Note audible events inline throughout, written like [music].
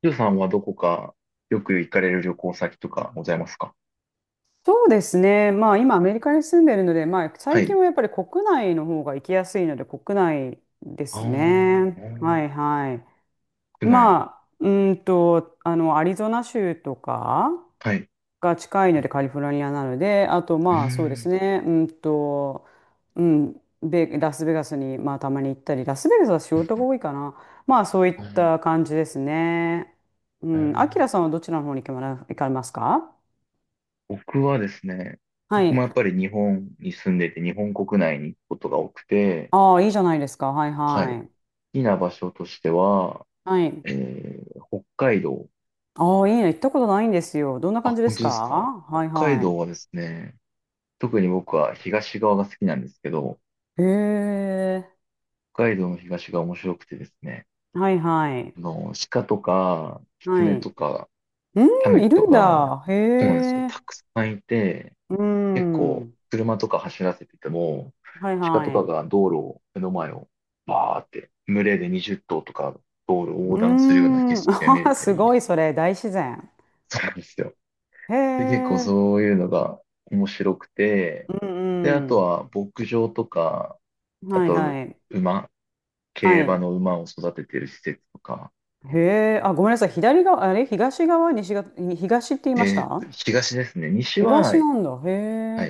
ゆうさんはどこかよく行かれる旅行先とかございますか？そうですね。まあ今アメリカに住んでるので、まあは最近い。はやっぱり国内の方が行きやすいので国内であすーあね。ー、はいはい。国内。まあ、アリゾナ州とかはい。が近いのでカリフォルニアなので、あとうーまあそうですん。ね。うん、ベラスベガスにまあたまに行ったり、ラスベガスは仕事が多いかな。まあそういあっーた感じですね。うあん、アキーラさんはどちらの方に行かれますか？僕はですね、は僕もい。やっぱり日本に住んでて、日本国内に行くことが多くて、ああ、いいじゃないですか。はいはい。好はい。きな場所としては、はい。北海道。ああ、いいね。行ったことないんですよ。どんな感あ、じで本す当か？ですか？はい北海は道はですね、特に僕は東側が好きなんですけど、い。へえ。北海道の東が面白くてですね、はいはい。鹿とか、は狐い。とか、タうヌん、いキとるんか、だ。へそうなんですよ。え。たくさんいて、う結構、ん。車とか走らせてても、はい鹿とはかい。が道路を、目の前を、バーって、群れで20頭とか、道路を横う断するような景ん。[laughs] 色が見あれあ、たすり、ごい、それ。大自然。そうなんですよ。へで、結構え。そういうのが面白くて、うで、あとんは牧場とか、うん。あはいと、はい。馬、は競馬い。の馬を育ててる施設とか、へえ。あ、ごめんなさい。左側、あれ東側、西側、東って言いました？東ですね。東はい。なんだ。へ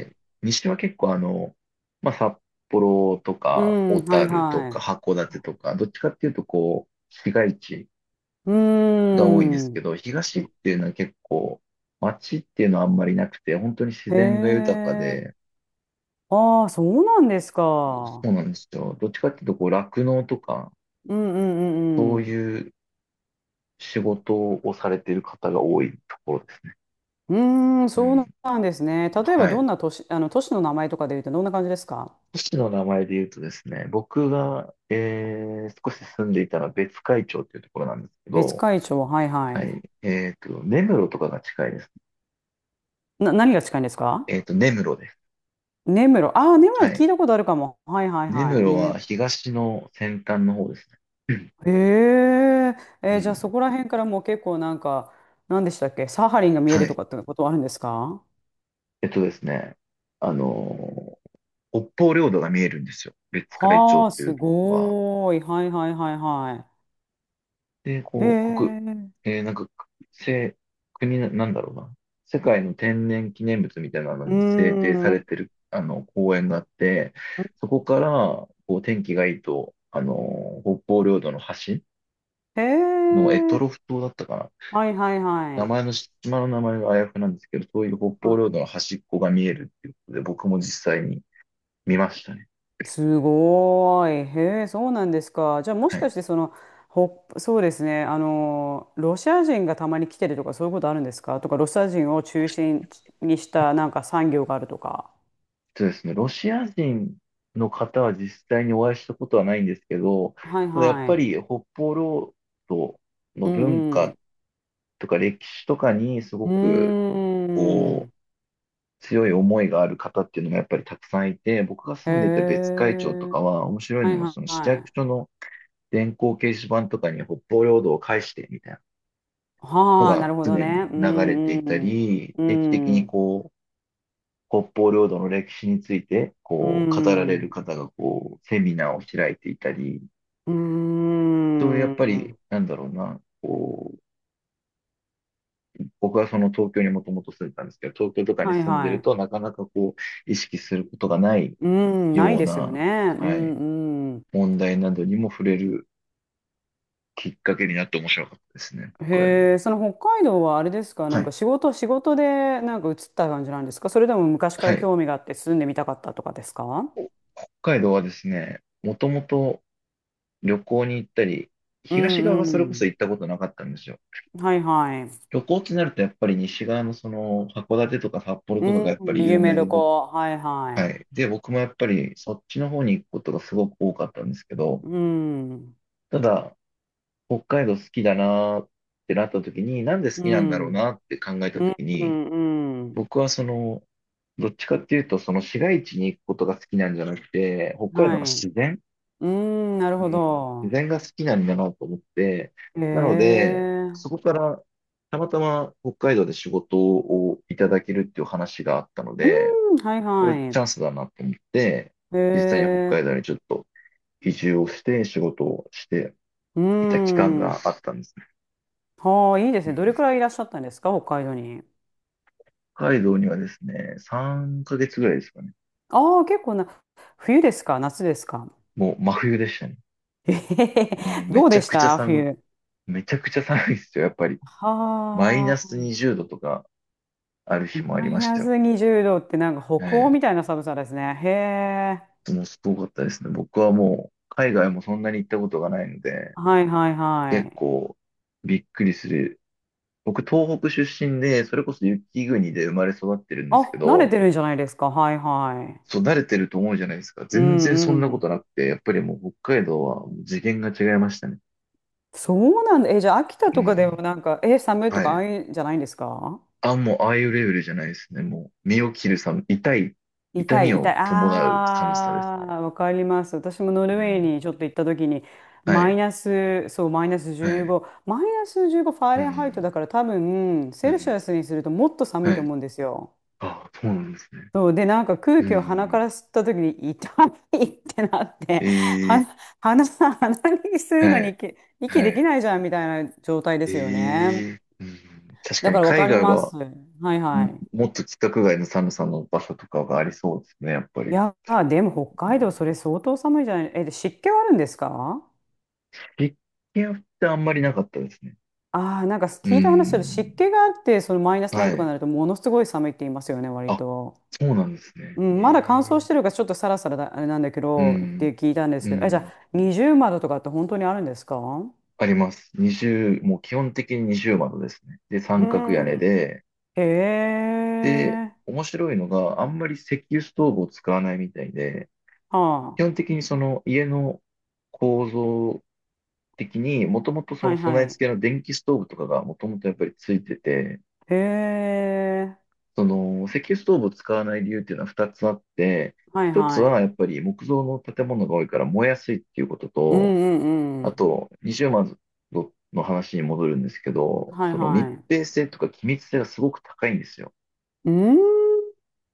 え。西は結構まあ、札幌とうか、小ん、はい樽とはか、い。函館とか、どっちかっていうとこう、市街地うーが多いんですん。けど、東っていうのは結構、街っていうのはあんまりなくて、本当に自へ然が豊かえ。で、ああ、そうなんですそうか。なんですよ。どっちかっていうとこう、酪農とか、うんうんうそんううん。いう仕事をされている方が多いところです。うーん、うそうん。なんですね。例えばはどい。んな都市、都市の名前とかで言うとどんな感じですか？都市の名前で言うとですね、僕が、少し住んでいたのは別海町っていうところなんですけ別ど、海町、はいははい。い。根室とかが近いです。何が近いんですか？根室です。根室。ああ、根室はい。聞いたことあるかも。はいはい根は室い。ね。は東の先端の方ですね。うん。へえ。えうーじゃあそん。こら辺からもう結構なんか、何でしたっけ、サハリンが見えはるとい。かってことはあるんですか？えっとですね、あのー北方領土が見えるんですよ。別海町はあ、っていすうところは。ごーい。はいはいはいはで、い。へこう、国、え。えーなんか、せ、国な、なんだろうな。世界の天然記念物みたいなのうーに制定されん。てる、あの、公園があって、そこから、こう、天気がいいと、北方領土の端、への択トえ。ロフ島だったかな。はいはいは名前い。の、島の名前があやふなんですけど、そういう北方領あ、土の端っこが見えるっていうことで、僕も実際に見ましたね。すごーい。へえ、そうなんですか。じゃあもしはかい。してその、そうですね。ロシア人がたまに来てるとかそういうことあるんですかとか、ロシア人を中心にしたなんか産業があるとか。そうですね、ロシア人の方は実際にお会いしたことはないんですけど、はいただやっはぱい。り北方領土うの文んうん。化とか歴史とかにすうごーくこん。う強い思いがある方っていうのがやっぱりたくさんいて、僕がへ住んでいた別海町とえ。かは面白いはいのがはそのい市は役い。所の電光掲示板とかに北方領土を返してみたいなのはあ、ながるほど常にね。う流れてんいうたん。り、う定期的にん。こう、北方領土の歴史について、うこう、語られるん。方が、こう、セミナーを開いていたり、うーそういうやっぱり、ん。なんだろうな、こう、僕はその東京にもともと住んでたんですけど、東京とかにはい住んではるい。と、なかなかこう、意識することがないうーん、ないようですよな、ね。うはい、んうん。問題などにも触れるきっかけになって面白かったですね、こういうのは。へえ、その北海道はあれですか、はなんかい。仕事でなんか移った感じなんですか、それでも昔かはらい。興味があって住んでみたかったとかですか？北海道はですね、もともと旅行に行ったり、う東側がんうそれこそん。行ったことなかったんですよ。はいはい。旅行ってなるとやっぱり西側のその函館とか札幌うとかがやっぱりん、有夢名旅で行。はいははい。で、僕もやっぱりそっちの方に行くことがすごく多かったんですけど、い。うん。ただ北海道好きだなーってなった時に、なんで好うきなんだろうん。なって考えたうん、時うに、ん、うん。僕はその、どっちかっていうとその市街地に行くことが好きなんじゃなくて、北海は道のい。自然うん、なるうほん、自ど。然が好きなんだなと思って、へなので、そえ。こからたまたま北海道で仕事をいただけるっていう話があったのうで、ん、はいこれはチャい。ンスだなと思って、へ実際に北え。海道にちょっと移住をして仕事をしてうーいた期間がん。あったんですね。ああ、いいですうね。ん、どれくらいいらっしゃったんですか、北海道に？北海道にはですね、3ヶ月ぐらいですかね。ああ、結構な、冬ですか、夏ですか？もう真冬でしたね。[laughs] えへへ、もうめどうちでゃしくちゃた寒、い冬？めちゃくちゃ寒いですよ、やっぱり。マイナはスあ、20度とかある日もあマりイましナたよ。ス20度ってなんかは北い。欧みたいな寒さですね。へえ。もうすごかったですね。僕はもう、海外もそんなに行ったことがないので、はいはいは結い。構びっくりする。僕、東北出身で、それこそ雪国で生まれ育ってるんですけあ、慣れど、てるんじゃないですか。はいはい。そう、慣れてると思うじゃないですか。う全然んそんなうこん。となくて、やっぱりもう北海道はもう次元が違いましたね。そうなんだ。え、じゃあ秋田うとかでもん。なんか、え、寒いとはかあい。あいうんじゃないんですか？あ、もうああいうレベルじゃないですね。もう、身を切る痛い、痛痛みい、痛い。を伴うあ寒さですね。あ、わかります。私もノうルウェーん。にちょっと行った時に、はマイい。ナス、そう、マイナスはい。15、マイナス15ファーうレンハイトん。だから多分、うセルシん。アスにするともっと寒はいとい。思うんですよ。あ、そうなんですね。そう、で、なんか空う気を鼻かん。ら吸った時に痛いってなって、ええ、鼻、鼻に吸うはのにい、息はできい。ないじゃんみたいな状態ですよね。ええ、うん。確かだかにらわか海り外まは、す。はいはい。もっと規格外の寒さの場所とかがありそうですね、やっぱいり。やー、でもう北海道ん。それ相当寒いじゃない。え、で、湿気はあるんですか？実験ってあんまりなかったですね。ああ、なんかう聞いた話だと湿ん。気があって、そのマイナスなはんとかにい。なるとものすごい寒いって言いますよね、割あ、と。そうなんですね。うん、まだ乾燥えしてえ、るからちょっとサラサラだ、あれなんだけうどっん。て聞いたんですうけど、え、じゃん。あ20窓とかって本当にあるんですか？あります。0、もう基本的に二重窓ですね。で、う三角屋根ん。で、へで、え。面白いのが、あんまり石油ストーブを使わないみたいで、は基本的にその家の構造的に、もともとあ。そはのい備はえい。付けの電気ストーブとかがもともとやっぱりついてて、へえ。その石油ストーブを使わない理由っていうのは2つあって、はい1つははい。やっぱり木造の建物が多いから燃えやすいっていうことうんと、うんうあん。と、二重窓の話に戻るんですけど、はいその密はい。閉性とか気密性がすごく高いんですよ。うん。うん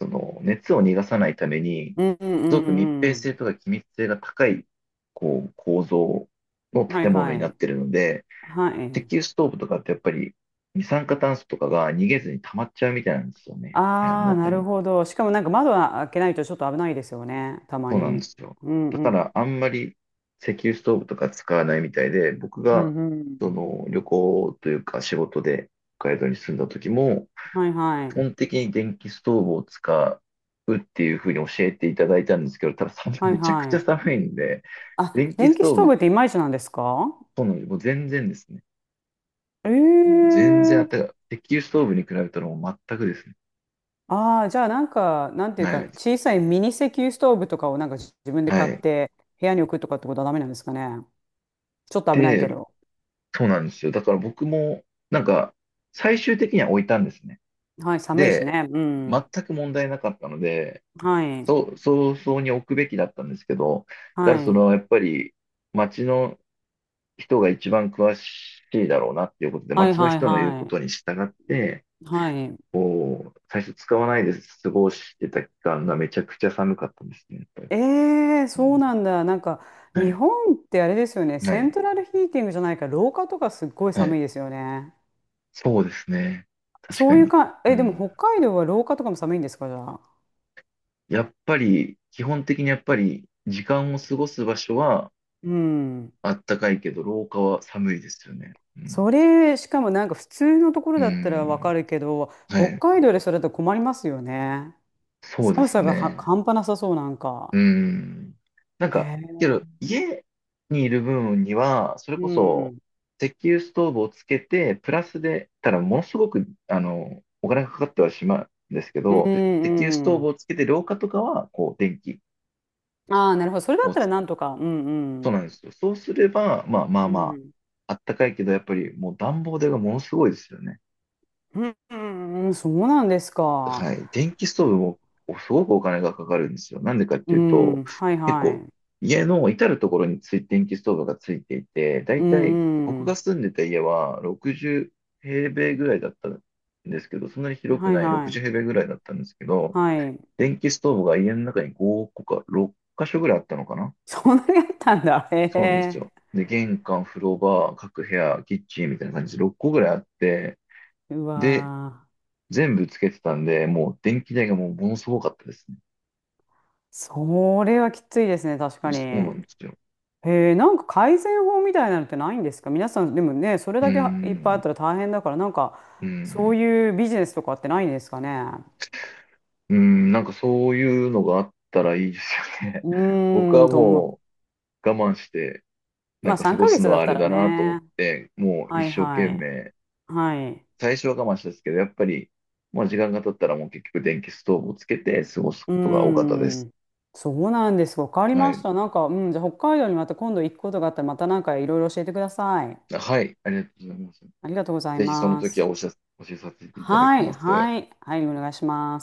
その熱を逃がさないために、うんうすごく密んう閉ん。性とか気密性が高い、こう、構造のはい建物はにない。ってるので、は石い。油ストーブとかってやっぱり二酸化炭素とかが逃げずに溜まっちゃうみたいなんですよね。部屋のああ、な中るに。ほど。しかもなんか窓は開けないとちょっと危ないですよね。たまそうなんでに。すよ。うんだうかん。らあんまり石油ストーブとか使わないみたいで、僕うがんうそん。の旅行というか仕事で北海道に住んだ時も、はいは基い。本的に電気ストーブを使うっていうふうに教えていただいたんですけど、ただ [laughs] 寒い、はいめちゃくはちゃい。寒いんで、あ、電気電ス気ストートーブブっていまいちなんですか？との、もう全然ですね。もええう全然あったー、かい。石油ストーブに比べたらもう全くですね。ああー、じゃあなんか、なんていうはか、い。小さいミニ石油ストーブとかをなんか自分では買っい。て部屋に置くとかってことはダメなんですかね。ちょっと危ないけで、ど。そうなんですよ。だから僕も、なんか、最終的には置いたんですね。はい、寒いしで、ね。う全ん。く問題なかったので、はい。そう、早々に置くべきだったんですけど、だかはらそい。の、やっぱり、街の人が一番詳しいだろうなっていうことで、はい町のはい人の言うはこい。とに従って、はい。こう、最初使わないで過ごしてた期間がめちゃくちゃ寒かったんですね、やっぱり。ええ、うそうん。なんだ。なんか、は日い、本ってあれですよね。はセンい、トラルヒーティングじゃないから、廊下とかすっごいはい。寒いですよね。そうですね。確そかういうに。か、うえ、でもん。北海道は廊下とかも寒いんですか、じゃあ。やっぱり、基本的にやっぱり、時間を過ごす場所はうん。あったかいけど、廊下は寒いですよね。うん。それ、しかもなんか普通のところうだったらわかん。るけど、は北い。海道でそれだと困りますよね。そうで寒すさがはね。半端なさそう、なんうか。ん。なんへか、けえ。ど、家にいる分には、それうこそ、ん。石油ストーブをつけて、プラスで、ただ、ものすごく、あの、お金がかかってはしまうんですけうど、石油ストんーうブん。をつけて、廊下とかは、こう、電気ああ、なるほど。それだっをたらつ、なんとか。うんそううん。なんですよ。そうすれば、まあまあうまん。あ、あったかいけど、やっぱり、もう暖房代がものすごいですよね。うんうんうん、そうなんですか。はい。電気ストーブもすごくお金がかかるんですよ。なんでかっうていうと、ん、はい結は構、い。家の至るところについ電気ストーブがついていて、だういんたいう僕ん。が住んでた家は60平米ぐらいだったんですけど、そんなに広くはいないは60い。平米ぐらいだったんですけど、はい。[laughs] 電気ストーブが家の中に5個か6箇所ぐらいあったのかな。そんなにあったんだ。へそうなんですえ。よ。で、玄関、風呂場、各部屋、キッチンみたいな感じで6個ぐらいあって、うで、わー。全部つけてたんで、もう電気代がもうものすごかったですね。それはきついですね、確かに。そうなへんですよ。え、なんか改善法みたいなのってないんですか皆さん、でもね、それうーだけいっぱいあっん、たら大変だから、なんか、うそうん、いうビジネスとかってないんですかね。うん、なんかそういうのがあったらいいですよね。う [laughs] 僕ーはん、と思う。もう我慢して、なまんあ、か過3ごヶす月のだはっあたれらだなと思っね。て、もうは一い生懸はい。命、はい。最初は我慢したんですけど、やっぱり、まあ時間が経ったらもう結局電気ストーブをつけて過ごすこうーとが多かったです。ん、そうなんです。わかりはましい。た。なんか、うん、じゃあ北海道にまた今度行くことがあったら、またなんかいろいろ教えてください。はい、ありがとうございます。ありがとうございぜひそのま時はす。お知らせさせていただきはまい、す。はい、はい、お願いします。